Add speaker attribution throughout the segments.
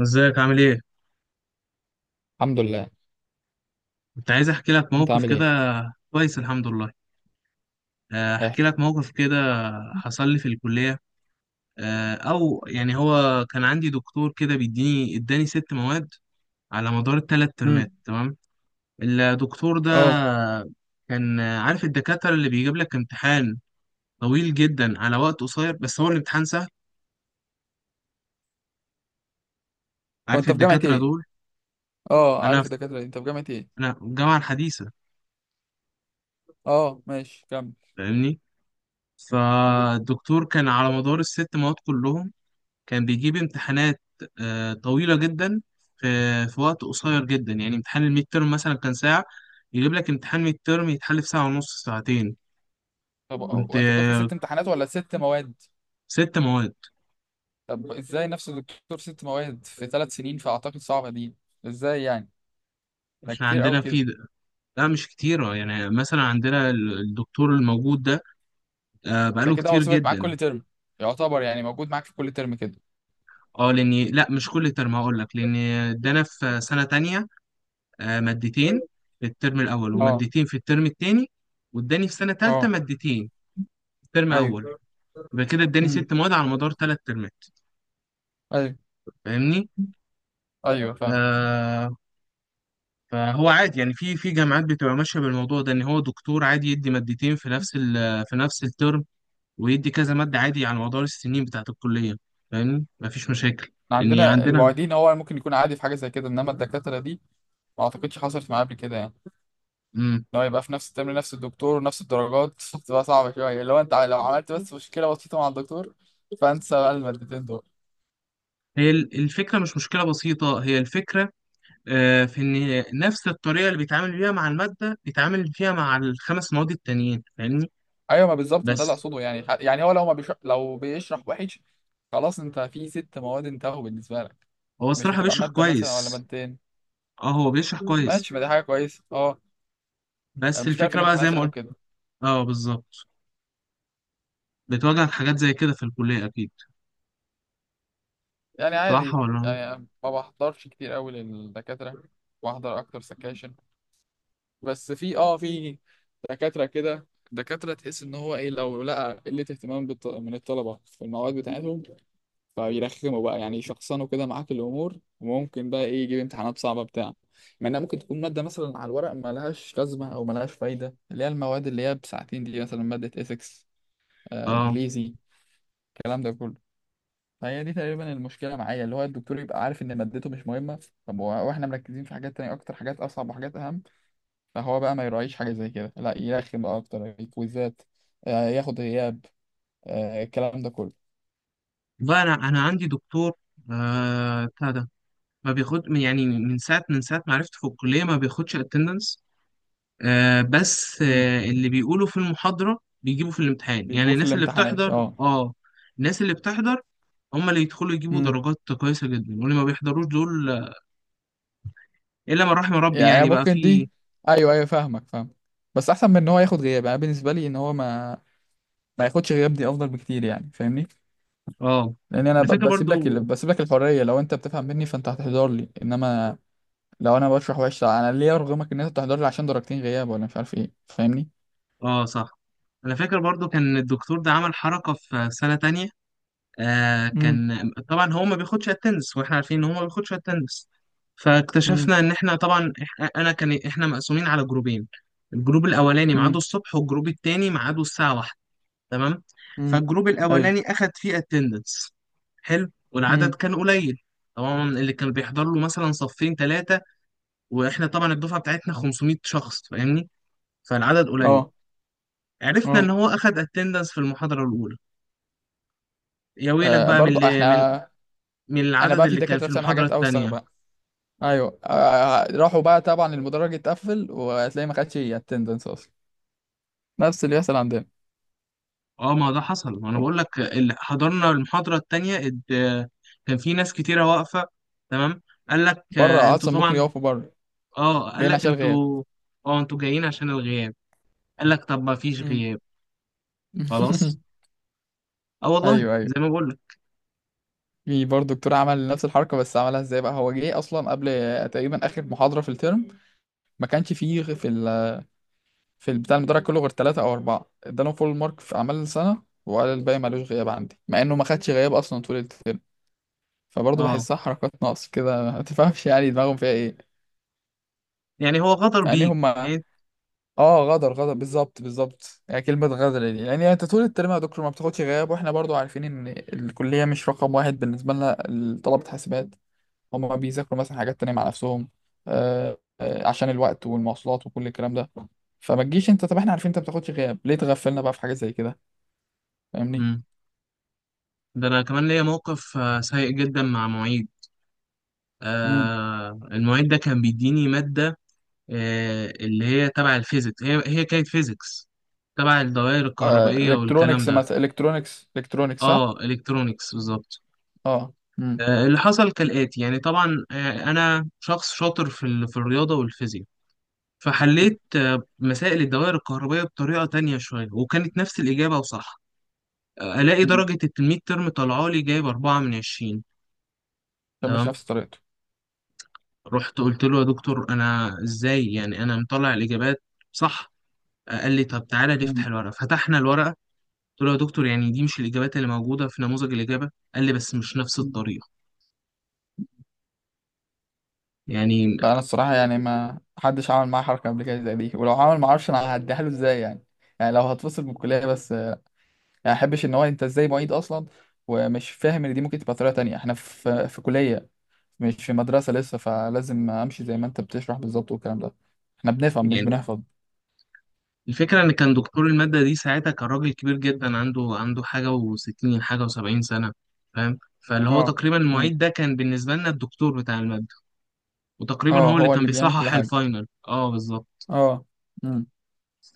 Speaker 1: ازيك عامل ايه؟
Speaker 2: الحمد لله.
Speaker 1: كنت عايز احكي لك
Speaker 2: انت
Speaker 1: موقف
Speaker 2: عامل
Speaker 1: كده.
Speaker 2: ايه؟
Speaker 1: كويس الحمد لله. احكي
Speaker 2: احكي.
Speaker 1: لك موقف كده حصل لي في الكلية. آه، او يعني هو كان عندي دكتور كده اداني ست مواد على مدار الثلاث ترمات.
Speaker 2: امم.
Speaker 1: تمام. الدكتور ده
Speaker 2: اه.
Speaker 1: كان، عارف الدكاترة اللي بيجيب لك امتحان طويل جدا على وقت قصير بس هو الامتحان سهل؟ عارف
Speaker 2: وانت في جامعة
Speaker 1: الدكاترة
Speaker 2: ايه؟
Speaker 1: دول؟
Speaker 2: اه،
Speaker 1: انا
Speaker 2: عارف
Speaker 1: في
Speaker 2: الدكاترة دي؟ انت في جامعة ايه؟
Speaker 1: انا في الجامعة الحديثة.
Speaker 2: اه، ماشي، كمل.
Speaker 1: فاهمني؟
Speaker 2: مم.
Speaker 1: فالدكتور كان على مدار الست مواد كلهم كان بيجيب امتحانات طويلة جدا في وقت قصير جدا، يعني امتحان الميد تيرم مثلا كان ساعة، يجيب لك امتحان ميد تيرم يتحل في ساعة ونص ساعتين.
Speaker 2: طب،
Speaker 1: كنت
Speaker 2: وانت بتقول في
Speaker 1: آه،
Speaker 2: 6 امتحانات ولا 6 مواد؟
Speaker 1: ست مواد.
Speaker 2: طب، ازاي نفس الدكتور 6 مواد في 3 سنين؟ فاعتقد صعبه دي. ازاي يعني؟ ده
Speaker 1: احنا
Speaker 2: كتير قوي
Speaker 1: عندنا
Speaker 2: كده.
Speaker 1: في لا مش كتيرة، يعني مثلا عندنا الدكتور الموجود ده
Speaker 2: ده
Speaker 1: بقاله
Speaker 2: كده هو
Speaker 1: كتير
Speaker 2: ثابت معاك
Speaker 1: جدا.
Speaker 2: كل ترم؟ يعتبر يعني موجود معاك في كل ترم كده؟
Speaker 1: اه لاني، لا مش كل ترم، هقول لك، لان ادانا في سنة تانية مادتين في الترم الاول،
Speaker 2: اه،
Speaker 1: ومادتين في الترم التاني، واداني في سنة تالتة
Speaker 2: اه،
Speaker 1: مادتين في الترم اول.
Speaker 2: ايوه،
Speaker 1: يبقى كده اداني
Speaker 2: امم،
Speaker 1: ست مواد على مدار ثلاث ترمات،
Speaker 2: ايوه،
Speaker 1: فاهمني؟
Speaker 2: ايوه، فاهم.
Speaker 1: آه. فهو عادي، يعني في جامعات بتبقى ماشيه بالموضوع ده، ان هو دكتور عادي يدي مادتين في نفس ال في نفس الترم، ويدي كذا ماده عادي على مدار السنين بتاعه الكليه. فاهمني؟ مفيش مشاكل.
Speaker 2: احنا
Speaker 1: ان
Speaker 2: عندنا
Speaker 1: عندنا،
Speaker 2: المعيدين هو ممكن يكون عادي في حاجه زي كده، انما الدكاتره دي ما اعتقدش حصلت معايا قبل كده يعني،
Speaker 1: مم،
Speaker 2: ان هو يبقى في نفس الترم نفس الدكتور ونفس الدرجات بتبقى صعبة شوية، لو عملت بس مشكلة بسيطة مع الدكتور، فانسى بقى المادتين دول.
Speaker 1: هي الفكره مش مشكله بسيطه، هي الفكره في ان نفس الطريقه اللي بيتعامل بيها مع الماده بيتعامل فيها مع الخمس مواد التانيين، فاهمني؟
Speaker 2: ايوه، ما بالظبط، ما ده اللي
Speaker 1: بس
Speaker 2: اقصده يعني هو لو ما بيشرح لو بيشرح وحش، خلاص انت في 6 مواد انتهوا بالنسبة لك.
Speaker 1: هو
Speaker 2: مش
Speaker 1: الصراحه
Speaker 2: هتبقى
Speaker 1: بيشرح
Speaker 2: مادة مثلا ولا
Speaker 1: كويس.
Speaker 2: مادتين.
Speaker 1: اه هو بيشرح كويس.
Speaker 2: ماشي، ما دي حاجة كويسة، اه.
Speaker 1: بس
Speaker 2: المشكلة في
Speaker 1: الفكرة بقى زي
Speaker 2: الامتحانات
Speaker 1: ما
Speaker 2: يعني،
Speaker 1: قلت.
Speaker 2: وكده.
Speaker 1: اه بالظبط. بتواجهك حاجات زي كده في الكلية أكيد.
Speaker 2: يعني
Speaker 1: صح
Speaker 2: عادي،
Speaker 1: ولا؟
Speaker 2: يعني ما بحضرش كتير قوي للدكاترة. بحضر اكتر سكاشن. بس في، دكاترة كده، دكاترة تحس ان هو ايه، لو لقى قلة اهتمام من الطلبة في المواد بتاعتهم، فبيرخموا بقى يعني، يشخصنوا كده معاك الامور، وممكن بقى ايه يجيب امتحانات صعبة بتاع، مع انها ممكن تكون مادة مثلا على الورق ملهاش لازمة او ملهاش فايدة، اللي هي المواد اللي هي بساعتين دي، مثلا مادة ethics. آه،
Speaker 1: اه.
Speaker 2: انجليزي. الكلام ده كله. فهي دي تقريبا المشكلة معايا، اللي هو الدكتور يبقى عارف ان مادته مش مهمة. طب واحنا مركزين في حاجات تانية اكتر، حاجات اصعب وحاجات اهم، فهو بقى ما يراعيش حاجة زي كده، لا يرخم بقى أكتر كويزات، ياخد غياب، الكلام ده كله.
Speaker 1: بقى أنا عندي دكتور بتاع ده، ما بياخد من ساعة ما عرفت في الكلية ما بياخدش اتندنس. آه بس
Speaker 2: مم.
Speaker 1: آه اللي بيقولوا في المحاضرة بيجيبوا في الامتحان، يعني
Speaker 2: بيجيبوه في
Speaker 1: الناس اللي
Speaker 2: الامتحانات،
Speaker 1: بتحضر.
Speaker 2: اه.
Speaker 1: اه. الناس اللي بتحضر هم اللي يدخلوا يجيبوا
Speaker 2: امم.
Speaker 1: درجات كويسة جدا، واللي ما بيحضروش دول إلا من رحم ربي،
Speaker 2: يعني هي
Speaker 1: يعني بقى
Speaker 2: ممكن
Speaker 1: في.
Speaker 2: دي. ايوه، ايوه، فاهمك، فاهم. بس احسن من ان هو ياخد غياب، يعني بالنسبه لي ان هو ما ياخدش غياب دي افضل بكتير، يعني فاهمني.
Speaker 1: اه.
Speaker 2: لان انا
Speaker 1: أنا فاكر برضو.
Speaker 2: بسيب لك الحريه. لو انت بتفهم مني فانت هتحضر لي، انما لو انا بشرح وحش، لا، انا ليه ارغمك ان انت تحضر لي عشان درجتين غياب ولا مش عارف ايه؟ فاهمني.
Speaker 1: اه صح. انا فاكر برضو كان الدكتور ده عمل حركة في سنة تانية. آه
Speaker 2: امم،
Speaker 1: كان طبعا هو ما بياخدش التنس، واحنا عارفين ان هو ما بياخدش التنس،
Speaker 2: امم،
Speaker 1: فاكتشفنا ان احنا طبعا، إح- انا كان احنا مقسومين على جروبين، الجروب الاولاني ميعاده
Speaker 2: امم،
Speaker 1: الصبح، والجروب التاني ميعاده الساعة واحدة. تمام.
Speaker 2: امم،
Speaker 1: فالجروب
Speaker 2: ايوه،
Speaker 1: الاولاني اخد فيه اتندنس. حلو. والعدد
Speaker 2: امم،
Speaker 1: كان قليل، طبعا اللي كان بيحضر له مثلا صفين ثلاثة، واحنا طبعا الدفعة بتاعتنا 500 شخص، فاهمني؟ فالعدد قليل.
Speaker 2: اه،
Speaker 1: عرفنا
Speaker 2: اه.
Speaker 1: ان هو اخد اتندنس في المحاضره الاولى. يا ويلك بقى
Speaker 2: برضو احنا،
Speaker 1: من
Speaker 2: انا
Speaker 1: العدد
Speaker 2: بقى في
Speaker 1: اللي كان
Speaker 2: دكاتره
Speaker 1: في
Speaker 2: بتعمل
Speaker 1: المحاضره
Speaker 2: حاجات اوسخ
Speaker 1: الثانيه.
Speaker 2: بقى. ايوه، راحوا بقى طبعا، المدرج اتقفل وهتلاقيه ما خدش اتندنس اصلا، نفس اللي بيحصل عندنا.
Speaker 1: اه ما ده حصل، ما انا بقول لك، اللي حضرنا المحاضره الثانيه كان في ناس كتيره واقفه. تمام. قال لك
Speaker 2: بره
Speaker 1: انتوا
Speaker 2: اصلا، ممكن
Speaker 1: طبعا،
Speaker 2: يقفوا بره.
Speaker 1: اه قال
Speaker 2: جايين
Speaker 1: لك
Speaker 2: عشان الغياب.
Speaker 1: انتوا، اه انتوا جايين عشان الغياب. قال لك طب ما فيش
Speaker 2: مم.
Speaker 1: غياب. خلاص. اه والله
Speaker 2: ايوه، ايوه.
Speaker 1: زي ما بقول لك.
Speaker 2: في برضه دكتور عمل نفس الحركه، بس عملها ازاي بقى؟ هو جه اصلا قبل تقريبا اخر محاضره في الترم، ما كانش فيه في بتاع المدرج كله غير 3 أو 4، ادالهم فول مارك في اعمال السنه، وقال الباقي مالوش غياب عندي، مع انه ما خدش غياب اصلا طول الترم. فبرضه
Speaker 1: اه
Speaker 2: بحسها حركات ناقص كده، ما تفهمش يعني دماغهم فيها ايه.
Speaker 1: يعني هو غدر
Speaker 2: يعني
Speaker 1: بيك
Speaker 2: هما،
Speaker 1: يعني.
Speaker 2: اه، غدر، غدر، بالظبط، بالظبط، يعني كلمة غدر دي، يعني انت طول الترم يا دكتور ما بتاخدش غياب، واحنا برضو عارفين ان الكلية مش رقم واحد بالنسبة لنا، طلبة حاسبات، هما بيذاكروا مثلا حاجات تانية مع نفسهم، عشان الوقت والمواصلات وكل الكلام ده، فما تجيش انت، طب احنا عارفين انت ما بتاخدش غياب، ليه تغفلنا بقى في حاجة زي كده؟ فاهمني.
Speaker 1: مم. ده انا كمان ليا موقف سيء جدا مع معيد.
Speaker 2: امم.
Speaker 1: آه المعيد ده كان بيديني ماده، اللي هي تبع الفيزيكس، هي كانت فيزيكس تبع الدوائر
Speaker 2: آه،
Speaker 1: الكهربائية والكلام
Speaker 2: الكترونكس
Speaker 1: ده.
Speaker 2: مثلا، الكترونكس، صح.
Speaker 1: اه الكترونيكس بالظبط.
Speaker 2: اه. امم.
Speaker 1: اللي حصل كالآتي، يعني طبعا، أنا شخص شاطر في في الرياضة والفيزياء، فحليت مسائل الدوائر الكهربائية بطريقة تانية شوية، وكانت نفس الإجابة وصح. ألاقي
Speaker 2: مم.
Speaker 1: درجة الميد ترم طالعة لي، جايب أربعة من عشرين.
Speaker 2: كان مش
Speaker 1: تمام.
Speaker 2: نفس طريقته.
Speaker 1: رحت قلت له يا دكتور أنا إزاي؟ يعني أنا مطلع الإجابات صح. قال لي طب تعالى نفتح الورقة. فتحنا الورقة، قلت له يا دكتور يعني دي مش الإجابات اللي موجودة في نموذج الإجابة؟ قال لي بس مش نفس
Speaker 2: لا،
Speaker 1: الطريقة. يعني
Speaker 2: انا الصراحه يعني ما حدش عمل معاه حركه قبل كده زي دي، ولو عمل ما اعرفش انا هعديها له ازاي يعني. يعني لو هتفصل من الكليه بس يعني، ما احبش ان هو، انت ازاي معيد اصلا ومش فاهم ان دي ممكن تبقى طريقه تانية؟ احنا في كليه، مش في مدرسه لسه، فلازم امشي زي ما انت بتشرح بالظبط والكلام ده. احنا بنفهم، مش
Speaker 1: يعني
Speaker 2: بنحفظ.
Speaker 1: الفكرة إن كان دكتور المادة دي ساعتها كان راجل كبير جدا، عنده عنده حاجة وستين حاجة وسبعين سنة، فاهم؟ فاللي هو
Speaker 2: اه.
Speaker 1: تقريبا
Speaker 2: امم.
Speaker 1: المعيد ده كان بالنسبة لنا الدكتور بتاع المادة، وتقريبا
Speaker 2: اه،
Speaker 1: هو اللي
Speaker 2: هو
Speaker 1: كان
Speaker 2: اللي بيعمل كل
Speaker 1: بيصحح
Speaker 2: حاجه.
Speaker 1: الفاينل. اه بالظبط.
Speaker 2: اه. امم.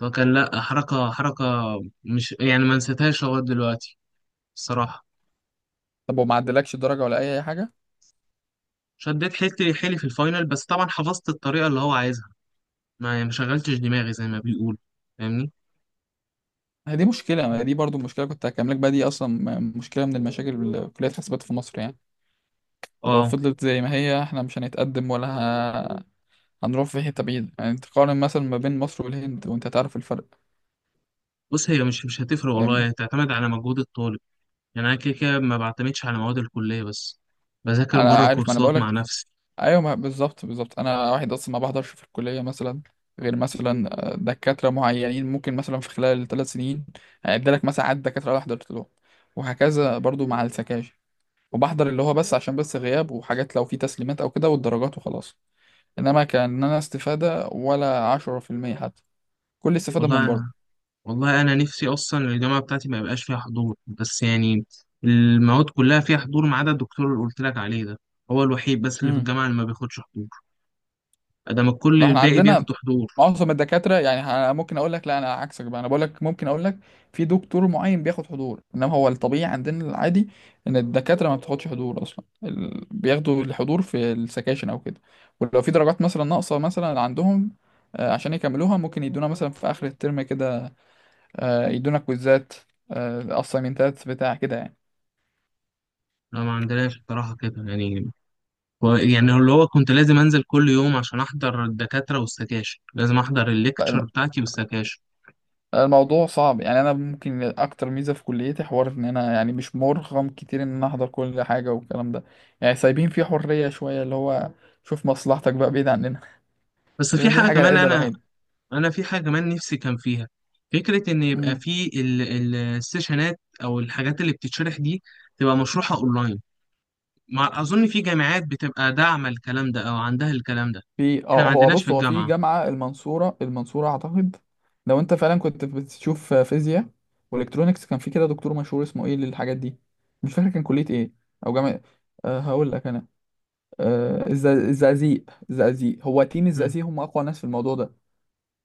Speaker 1: فكان لأ، حركة، مش يعني ما نسيتهاش لغاية دلوقتي الصراحة.
Speaker 2: طب وما عدلكش الدرجه ولا اي حاجه؟
Speaker 1: شديت حيلي في الفاينل، بس طبعا حفظت الطريقة اللي هو عايزها، ما يعني ما شغلتش دماغي زي ما بيقول. فاهمني؟
Speaker 2: هي دي مشكله، ما هي دي برضو مشكله كنت هكملك بقى دي اصلا، مشكله من المشاكل اللي كليه حاسبات في مصر يعني، ولو
Speaker 1: اه
Speaker 2: فضلت زي ما هي احنا مش هنتقدم، ولا هنروح في حتة بعيدة. يعني انت تقارن مثلا ما بين مصر والهند وانت تعرف الفرق.
Speaker 1: بص، هي مش هتفرق والله، هي
Speaker 2: فاهمني.
Speaker 1: تعتمد على مجهود الطالب. يعني انا كده كده ما بعتمدش على مواد الكليه بس، بذاكر
Speaker 2: انا
Speaker 1: بره
Speaker 2: عارف، ما انا
Speaker 1: كورسات
Speaker 2: بقولك.
Speaker 1: مع نفسي.
Speaker 2: ايوه، بالظبط، بالظبط، انا واحد اصلا ما بحضرش في الكلية مثلا، غير مثلا دكاترة معينين. ممكن مثلا في خلال 3 سنين هيديلك مثلا عدد دكاترة اللي حضرت لهم، وهكذا برضو مع السكاشن، وبحضر اللي هو بس عشان بس غياب، وحاجات لو في تسليمات او كده والدرجات وخلاص، انما كان انا استفادة ولا 10% حتى، كل استفادة من
Speaker 1: والله والله انا نفسي اصلا الجامعه بتاعتي ما يبقاش فيها حضور بس، يعني المواد كلها فيها حضور ما عدا الدكتور اللي قلت لك عليه ده، هو الوحيد بس اللي في
Speaker 2: بره.
Speaker 1: الجامعه اللي ما بياخدش حضور. ادام الكل
Speaker 2: لو احنا
Speaker 1: الباقي
Speaker 2: عندنا
Speaker 1: بياخدوا حضور.
Speaker 2: معظم الدكاترة يعني، ممكن اقول لك، لا، انا عكسك بقى، انا بقول لك ممكن اقول لك في دكتور معين بياخد حضور، انما هو الطبيعي عندنا، العادي ان الدكاترة ما بتاخدش حضور اصلا، بياخدوا الحضور في السكاشن او كده. ولو في درجات مثلا ناقصة مثلا عندهم، عشان يكملوها ممكن يدونا مثلا في اخر الترم كده، يدونا كويزات، اسايمنتات بتاع كده.
Speaker 1: لا ما عندناش بصراحه كده يعني، يعني اللي هو كنت لازم انزل كل يوم عشان احضر الدكاتره والسكاشن، لازم احضر الليكتشر
Speaker 2: يعني
Speaker 1: بتاعتي والسكاشن.
Speaker 2: الموضوع صعب. يعني انا ممكن اكتر ميزه في كليتي حوار ان انا يعني مش مرغم كتير ان انا احضر كل حاجه والكلام ده، يعني سايبين فيه حريه شويه، اللي هو شوف مصلحتك بقى بعيد عننا.
Speaker 1: بس
Speaker 2: تقريباً
Speaker 1: في
Speaker 2: دي
Speaker 1: حاجة
Speaker 2: الحاجه
Speaker 1: كمان،
Speaker 2: العدله
Speaker 1: أنا
Speaker 2: الوحيده.
Speaker 1: انا في حاجه كمان نفسي كان فيها، فكره ان يبقى
Speaker 2: امم.
Speaker 1: في السيشنات او الحاجات اللي بتتشرح دي تبقى مشروحه اونلاين. مع اظن في جامعات بتبقى داعمه الكلام ده او عندها الكلام ده.
Speaker 2: في،
Speaker 1: احنا ما
Speaker 2: اه، هو
Speaker 1: عندناش
Speaker 2: بص،
Speaker 1: في
Speaker 2: هو في
Speaker 1: الجامعه.
Speaker 2: جامعه المنصوره، المنصوره اعتقد. لو انت فعلا كنت بتشوف فيزياء والكترونكس، كان في كده دكتور مشهور اسمه ايه للحاجات دي، مش فاكر كان كليه ايه او جامعه. أه، هقول لك انا، أه الزقازيق، الزقازيق هو تيم،
Speaker 1: امم.
Speaker 2: الزقازيق هم اقوى ناس في الموضوع ده.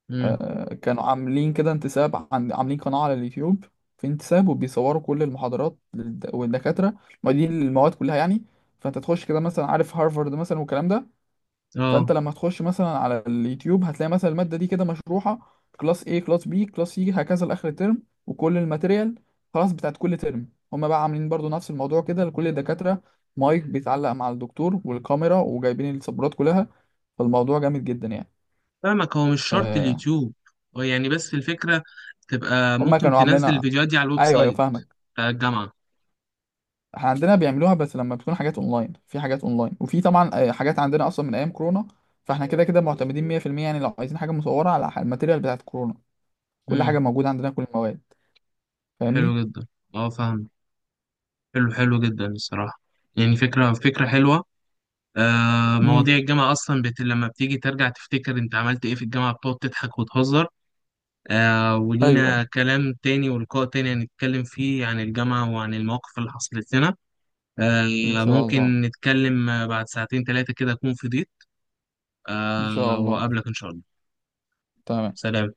Speaker 1: امم.
Speaker 2: كانوا عاملين كده انتساب، عاملين قناة على اليوتيوب. في انتساب، وبيصوروا كل المحاضرات والدكاترة، معيدين، المواد كلها يعني. فانت تخش كده مثلا، عارف هارفارد مثلا والكلام ده؟ فانت
Speaker 1: اه
Speaker 2: لما تخش مثلا على اليوتيوب، هتلاقي مثلا المادة دي كده مشروحة كلاس A، كلاس B، كلاس C، هكذا لآخر الترم، وكل الماتيريال خلاص بتاعت كل ترم. هما بقى عاملين برضو نفس الموضوع كده لكل الدكاترة. مايك بيتعلق مع الدكتور والكاميرا وجايبين السبورات كلها. فالموضوع جامد جدا يعني.
Speaker 1: فاهمك، هو مش شرط
Speaker 2: آه،
Speaker 1: اليوتيوب، هو يعني بس الفكره تبقى
Speaker 2: هما
Speaker 1: ممكن
Speaker 2: كانوا
Speaker 1: تنزل
Speaker 2: عاملينها.
Speaker 1: الفيديوهات دي على الويب
Speaker 2: ايوه، ايوه،
Speaker 1: سايت
Speaker 2: فاهمك.
Speaker 1: بتاع الجامعه.
Speaker 2: احنا عندنا بيعملوها بس لما بتكون حاجات اونلاين، في حاجات اونلاين، وفي طبعا حاجات عندنا اصلا من ايام كورونا، فاحنا كده كده معتمدين 100% يعني. لو عايزين حاجه مصوره، على الماتيريال بتاعت كورونا كل حاجه
Speaker 1: امم.
Speaker 2: موجوده عندنا، كل المواد. فاهمني.
Speaker 1: حلو جدا. اه فاهم. حلو جدا الصراحه. يعني فكره حلوه. مواضيع
Speaker 2: امم،
Speaker 1: الجامعة أصلا لما بتيجي ترجع تفتكر أنت عملت إيه في الجامعة، بتقعد تضحك وتهزر. آه،
Speaker 2: ايوه، ايوه،
Speaker 1: ولينا كلام تاني ولقاء تاني هنتكلم فيه عن الجامعة وعن المواقف اللي حصلت لنا.
Speaker 2: ان
Speaker 1: آه
Speaker 2: شاء الله،
Speaker 1: ممكن نتكلم بعد ساعتين تلاتة كده أكون فضيت.
Speaker 2: ان شاء
Speaker 1: آه،
Speaker 2: الله،
Speaker 1: وأقابلك إن شاء الله.
Speaker 2: تمام.
Speaker 1: سلام.